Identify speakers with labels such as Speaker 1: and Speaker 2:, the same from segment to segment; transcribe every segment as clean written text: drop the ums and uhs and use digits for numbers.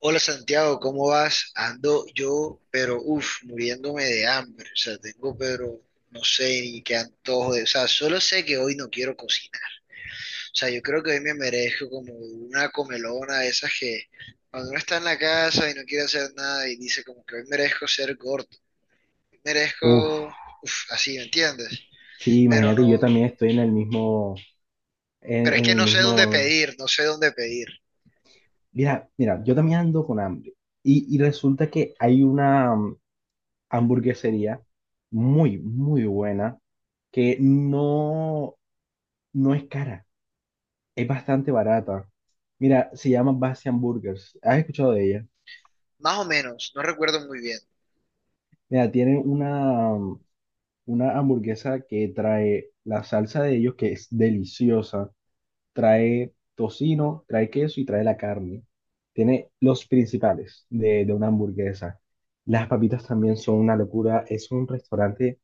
Speaker 1: Hola Santiago, ¿cómo vas? Ando yo, pero uff, muriéndome de hambre. O sea, tengo, pero no sé ni qué antojo de. O sea, solo sé que hoy no quiero cocinar. O sea, yo creo que hoy me merezco como una comelona de esas que cuando uno está en la casa y no quiere hacer nada y dice como que hoy merezco ser gordo.
Speaker 2: Uf,
Speaker 1: Merezco, uff, así, ¿me entiendes?
Speaker 2: sí,
Speaker 1: Pero
Speaker 2: imagínate, yo
Speaker 1: no,
Speaker 2: también estoy en el mismo, en,
Speaker 1: pero es
Speaker 2: en
Speaker 1: que
Speaker 2: el
Speaker 1: no sé dónde
Speaker 2: mismo.
Speaker 1: pedir, no sé dónde pedir.
Speaker 2: Mira, mira, yo también ando con hambre y resulta que hay una hamburguesería muy, muy buena que no, no es cara, es bastante barata. Mira, se llama Basi Hamburgers, ¿has escuchado de ella?
Speaker 1: Más o menos, no recuerdo muy bien.
Speaker 2: Mira, tienen una hamburguesa que trae la salsa de ellos que es deliciosa, trae tocino, trae queso y trae la carne. Tiene los principales de una hamburguesa. Las papitas también son una locura. Es un restaurante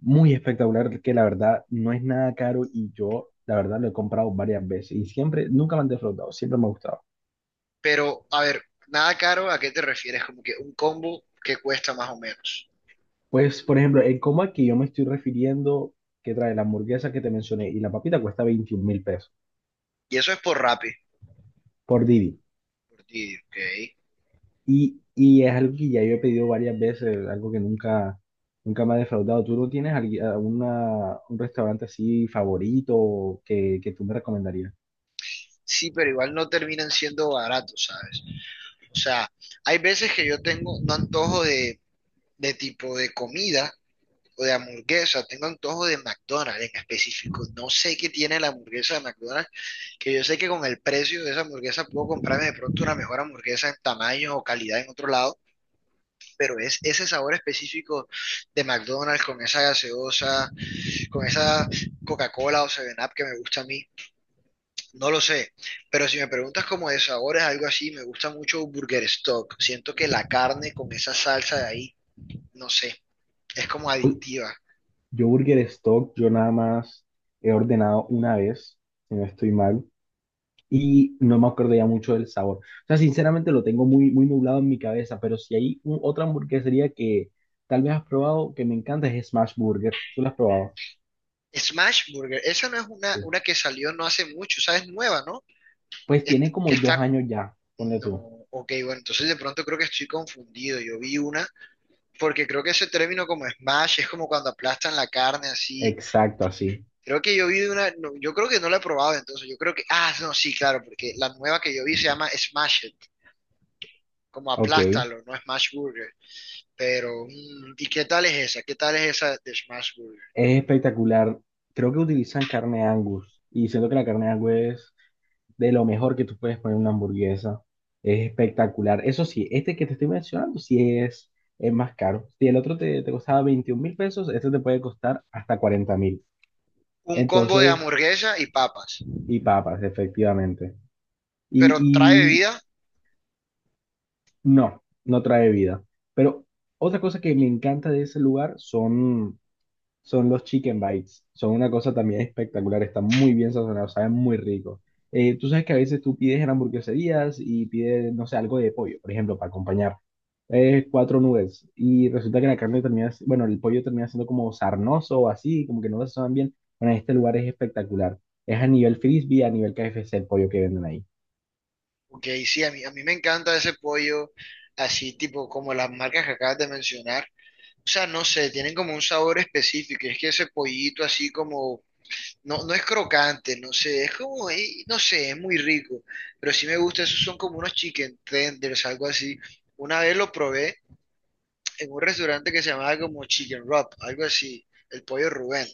Speaker 2: muy espectacular que la verdad no es nada caro y yo la verdad lo he comprado varias veces y siempre, nunca me han defraudado, siempre me ha gustado.
Speaker 1: Pero, a ver, nada caro, ¿a qué te refieres? Como que un combo que cuesta más o menos.
Speaker 2: Pues, por ejemplo, el combo al que yo me estoy refiriendo, que trae la hamburguesa que te mencioné y la papita cuesta 21.000 pesos
Speaker 1: Y eso es por Rappi,
Speaker 2: por Didi.
Speaker 1: por ti, ¿ok?
Speaker 2: Y es algo que ya yo he pedido varias veces, algo que nunca, nunca me ha defraudado. ¿Tú no tienes alguna, un restaurante así favorito que tú me recomendarías?
Speaker 1: Sí, pero igual no terminan siendo baratos, ¿sabes? O sea, hay veces que yo tengo un antojo de tipo de comida o de hamburguesa, tengo antojo de McDonald's en específico. No sé qué tiene la hamburguesa de McDonald's, que yo sé que con el precio de esa hamburguesa puedo comprarme de pronto una mejor hamburguesa en tamaño o calidad en otro lado, pero es ese sabor específico de McDonald's con esa gaseosa, con esa Coca-Cola o Seven up que me gusta a mí, no lo sé, pero si me preguntas como de sabores, algo así, me gusta mucho Burger Stock. Siento que la carne con esa salsa de ahí, no sé, es como
Speaker 2: Uy,
Speaker 1: adictiva.
Speaker 2: yo Burger Stock, yo nada más he ordenado una vez, si no estoy mal, y no me acuerdo ya mucho del sabor. O sea, sinceramente lo tengo muy, muy nublado en mi cabeza, pero si hay otra hamburguesería que tal vez has probado, que me encanta, es Smash Burgers. ¿Tú la has probado?
Speaker 1: Smash Burger, esa no es
Speaker 2: Sí.
Speaker 1: una que salió no hace mucho, o sea, es nueva, ¿no?
Speaker 2: Pues
Speaker 1: Es-
Speaker 2: tiene como
Speaker 1: que
Speaker 2: dos
Speaker 1: está...
Speaker 2: años ya, ponle
Speaker 1: No,
Speaker 2: tú.
Speaker 1: ok, bueno, entonces de pronto creo que estoy confundido. Yo vi una, porque creo que ese término como smash es como cuando aplastan la carne así.
Speaker 2: Exacto, así.
Speaker 1: Creo que yo vi de una, no, yo creo que no la he probado entonces, yo creo que, ah, no, sí, claro, porque la nueva que yo vi se llama Smash It, como
Speaker 2: Ok.
Speaker 1: aplástalo, no Smash Burger, pero, ¿y qué tal es esa? ¿Qué tal es esa de Smash Burger?
Speaker 2: Es espectacular. Creo que utilizan carne Angus y siento que la carne Angus es de lo mejor que tú puedes poner en una hamburguesa. Es espectacular. Eso sí, este que te estoy mencionando sí es, más caro. Si el otro te costaba 21.000 pesos, este te puede costar hasta 40.000.
Speaker 1: Un combo de
Speaker 2: Entonces,
Speaker 1: hamburguesa y papas,
Speaker 2: y papas, efectivamente. Y,
Speaker 1: pero trae
Speaker 2: y
Speaker 1: bebida,
Speaker 2: no, no trae vida. Pero otra cosa que me encanta de ese lugar son los chicken bites. Son una cosa también espectacular, están muy bien sazonados, saben muy rico. Tú sabes que a veces tú pides en hamburgueserías y pides, no sé, algo de pollo, por ejemplo, para acompañar. Cuatro nubes. Y resulta que la carne termina, bueno, el pollo termina siendo como sarnoso o así, como que no lo sazonan bien. Bueno, este lugar es espectacular. Es a nivel frisbee, a nivel KFC el pollo que venden ahí.
Speaker 1: ok, sí, a mí me encanta ese pollo, así tipo como las marcas que acabas de mencionar, o sea, no sé, tienen como un sabor específico, y es que ese pollito así como... No, no es crocante, no sé, es como, no sé, es muy rico, pero sí me gusta, esos son como unos chicken tenders, algo así. Una vez lo probé en un restaurante que se llamaba como Chicken Wrap, algo así, el pollo Rubén,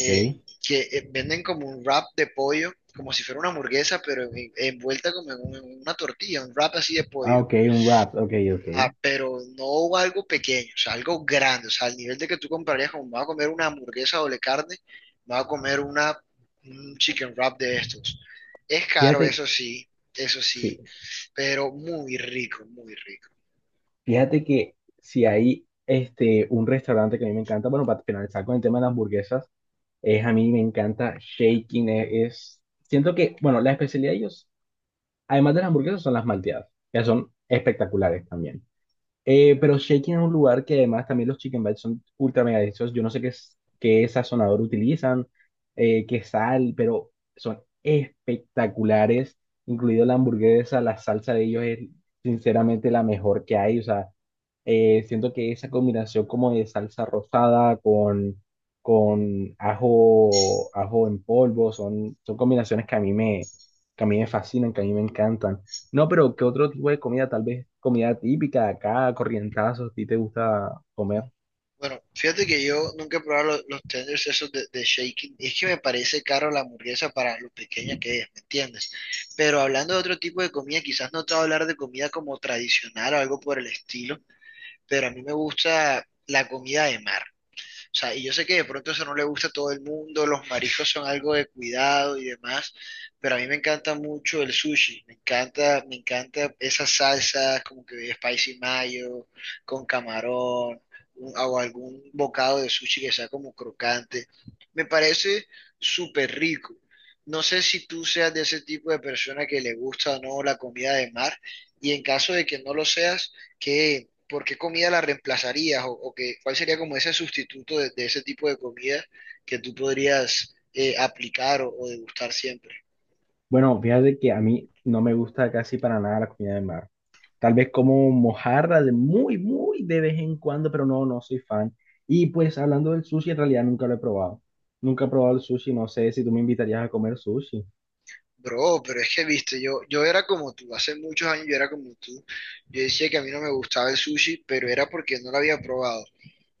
Speaker 1: eh, que venden como un wrap de pollo, como si fuera una hamburguesa, pero envuelta como en en una tortilla, un wrap así de
Speaker 2: Ah,
Speaker 1: pollo.
Speaker 2: ok, un wrap. Ok, ok.
Speaker 1: Ah, pero no algo pequeño, o sea, algo grande, o sea, al nivel de que tú comprarías como me voy a comer una hamburguesa doble carne, me voy a comer una, un chicken wrap de estos. Es caro,
Speaker 2: Fíjate,
Speaker 1: eso sí,
Speaker 2: sí.
Speaker 1: pero muy rico, muy rico.
Speaker 2: Fíjate que si hay este, un restaurante que a mí me encanta, bueno, para finalizar con el tema de las hamburguesas, es a mí me encanta Shaking, es, siento que, bueno, la especialidad de ellos, además de las hamburguesas, son las malteadas, que son espectaculares también. Pero Shaking es un lugar que además también los chicken bites son ultra mega deliciosos. Yo no sé qué, qué sazonador utilizan, qué sal, pero son espectaculares, incluido la hamburguesa, la salsa de ellos es sinceramente la mejor que hay. O sea, siento que esa combinación como de salsa rosada con, ajo, ajo en polvo son combinaciones que a mí me, que a mí me fascinan, que a mí me encantan. No, pero ¿qué otro tipo de comida? Tal vez comida típica de acá, corrientazos, ¿a ti te gusta comer?
Speaker 1: Bueno, fíjate que yo nunca he probado los tenders esos de Shaking. Es que me parece caro la hamburguesa para lo pequeña que es, ¿me entiendes? Pero hablando de otro tipo de comida, quizás no te voy a hablar de comida como tradicional o algo por el estilo, pero a mí me gusta la comida de mar. O sea, y yo sé que de pronto eso no le gusta a todo el mundo, los mariscos son algo de cuidado y demás, pero a mí me encanta mucho el sushi, me encanta esas salsas como que de spicy mayo, con camarón, o algún bocado de sushi que sea como crocante. Me parece súper rico. No sé si tú seas de ese tipo de persona que le gusta o no la comida de mar, y en caso de que no lo seas, ¿qué, ¿por qué comida la reemplazarías? O que, ¿cuál sería como ese sustituto de ese tipo de comida que tú podrías aplicar o degustar siempre?
Speaker 2: Bueno, fíjate que a mí no me gusta casi para nada la comida de mar. Tal vez como mojarra de muy, muy de vez en cuando, pero no, no soy fan. Y pues hablando del sushi, en realidad nunca lo he probado. Nunca he probado el sushi, no sé si tú me invitarías a comer sushi.
Speaker 1: Bro, pero es que, viste, yo era como tú, hace muchos años yo era como tú. Yo decía que a mí no me gustaba el sushi, pero era porque no lo había probado.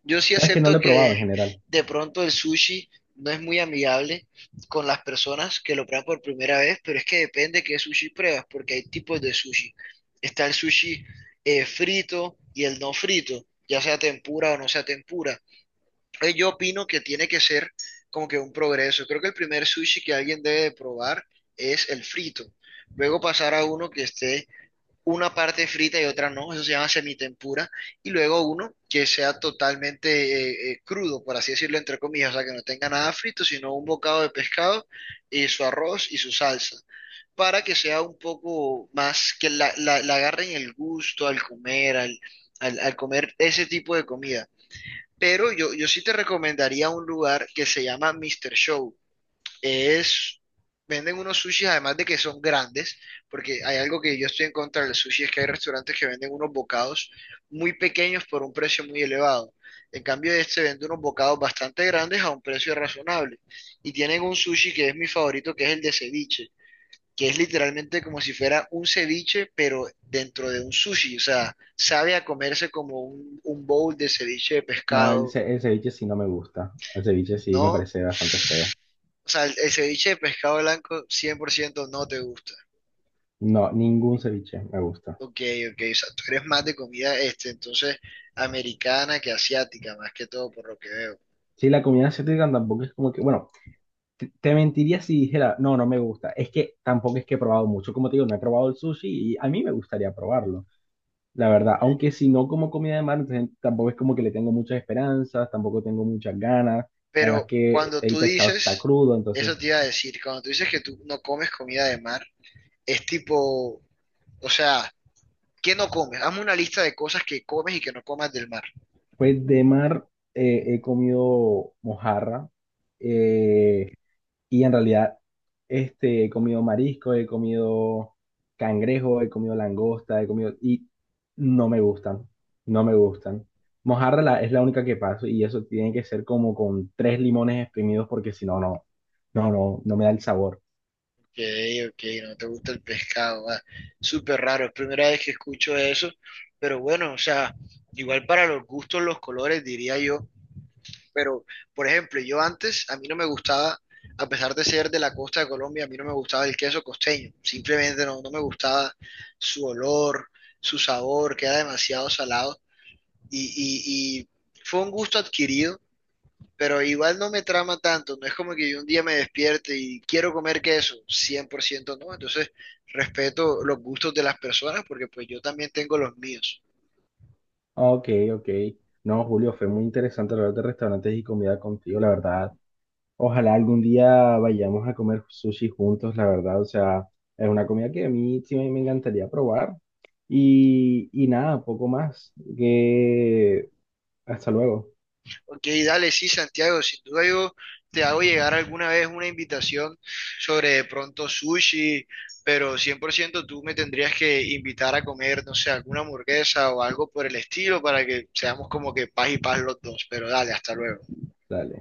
Speaker 1: Yo sí
Speaker 2: No, es que no lo
Speaker 1: acepto
Speaker 2: he probado en
Speaker 1: que
Speaker 2: general.
Speaker 1: de pronto el sushi no es muy amigable con las personas que lo prueban por primera vez, pero es que depende qué sushi pruebas, porque hay tipos de sushi. Está el sushi frito y el no frito, ya sea tempura o no sea tempura. Entonces, yo opino que tiene que ser como que un progreso. Creo que el primer sushi que alguien debe de probar es el frito. Luego pasar a uno que esté una parte frita y otra no, eso se llama semitempura, y luego uno que sea totalmente crudo, por así decirlo, entre comillas, o sea, que no tenga nada frito, sino un bocado de pescado y su arroz y su salsa, para que sea un poco más, que la agarren el gusto al comer, al, al, al comer ese tipo de comida. Pero yo sí te recomendaría un lugar que se llama Mr. Show. Es, venden unos sushis además de que son grandes, porque hay algo que yo estoy en contra del sushi, es que hay restaurantes que venden unos bocados muy pequeños por un precio muy elevado. En cambio, este vende unos bocados bastante grandes a un precio razonable. Y tienen un sushi que es mi favorito, que es el de ceviche, que es literalmente como si fuera un ceviche, pero dentro de un sushi. O sea, sabe a comerse como un bowl de ceviche de
Speaker 2: No,
Speaker 1: pescado,
Speaker 2: el ceviche sí no me gusta. El ceviche sí me
Speaker 1: ¿no?
Speaker 2: parece bastante feo.
Speaker 1: O sea, el ceviche de pescado blanco 100% no te gusta.
Speaker 2: No, ningún ceviche me gusta.
Speaker 1: Ok, ok, o sea, tú eres más de comida, este, entonces, americana que asiática, más que todo, por lo que veo.
Speaker 2: Sí, la comida asiática tampoco es como que, bueno. Te mentiría si dijera, no, no me gusta. Es que tampoco es que he probado mucho. Como te digo, no he probado el sushi y a mí me gustaría probarlo, la verdad.
Speaker 1: ¿Ok?
Speaker 2: Aunque si no como comida de mar, entonces tampoco es como que le tengo muchas esperanzas, tampoco tengo muchas ganas. Además
Speaker 1: Pero
Speaker 2: que
Speaker 1: cuando
Speaker 2: el
Speaker 1: tú
Speaker 2: pescado está
Speaker 1: dices,
Speaker 2: crudo, entonces,
Speaker 1: eso te iba a decir, cuando tú dices que tú no comes comida de mar, es tipo, o sea, ¿qué no comes? Hazme una lista de cosas que comes y que no comas del mar.
Speaker 2: pues de mar he comido mojarra. eh, Y en realidad, este, he comido marisco, he comido cangrejo, he comido langosta, he comido... Y no me gustan, no me gustan. Mojarra es la única que paso y eso tiene que ser como con tres limones exprimidos porque si no, no, no, no, no me da el sabor.
Speaker 1: Ok, ok, no te gusta el pescado, ah. Súper raro, es primera vez que escucho eso, pero bueno, o sea, igual para los gustos, los colores, diría yo. Pero, por ejemplo, yo antes, a mí no me gustaba, a pesar de ser de la costa de Colombia, a mí no me gustaba el queso costeño. Simplemente no me gustaba su olor, su sabor, que era demasiado salado. Y fue un gusto adquirido, pero igual no me trama tanto. No es como que yo un día me despierte y quiero comer queso. 100% no. Entonces, respeto los gustos de las personas porque pues yo también tengo los míos.
Speaker 2: Ok, ok. No, Julio, fue muy interesante hablar de restaurantes y comida contigo, la verdad. Ojalá algún día vayamos a comer sushi juntos, la verdad. O sea, es una comida que a mí sí me encantaría probar. Y nada, poco más. Que hasta luego.
Speaker 1: Ok, dale, sí, Santiago, sin duda yo te hago llegar alguna vez una invitación sobre de pronto sushi, pero 100% tú me tendrías que invitar a comer, no sé, alguna hamburguesa o algo por el estilo para que seamos como que paz y paz los dos, pero dale, hasta luego.
Speaker 2: Dale.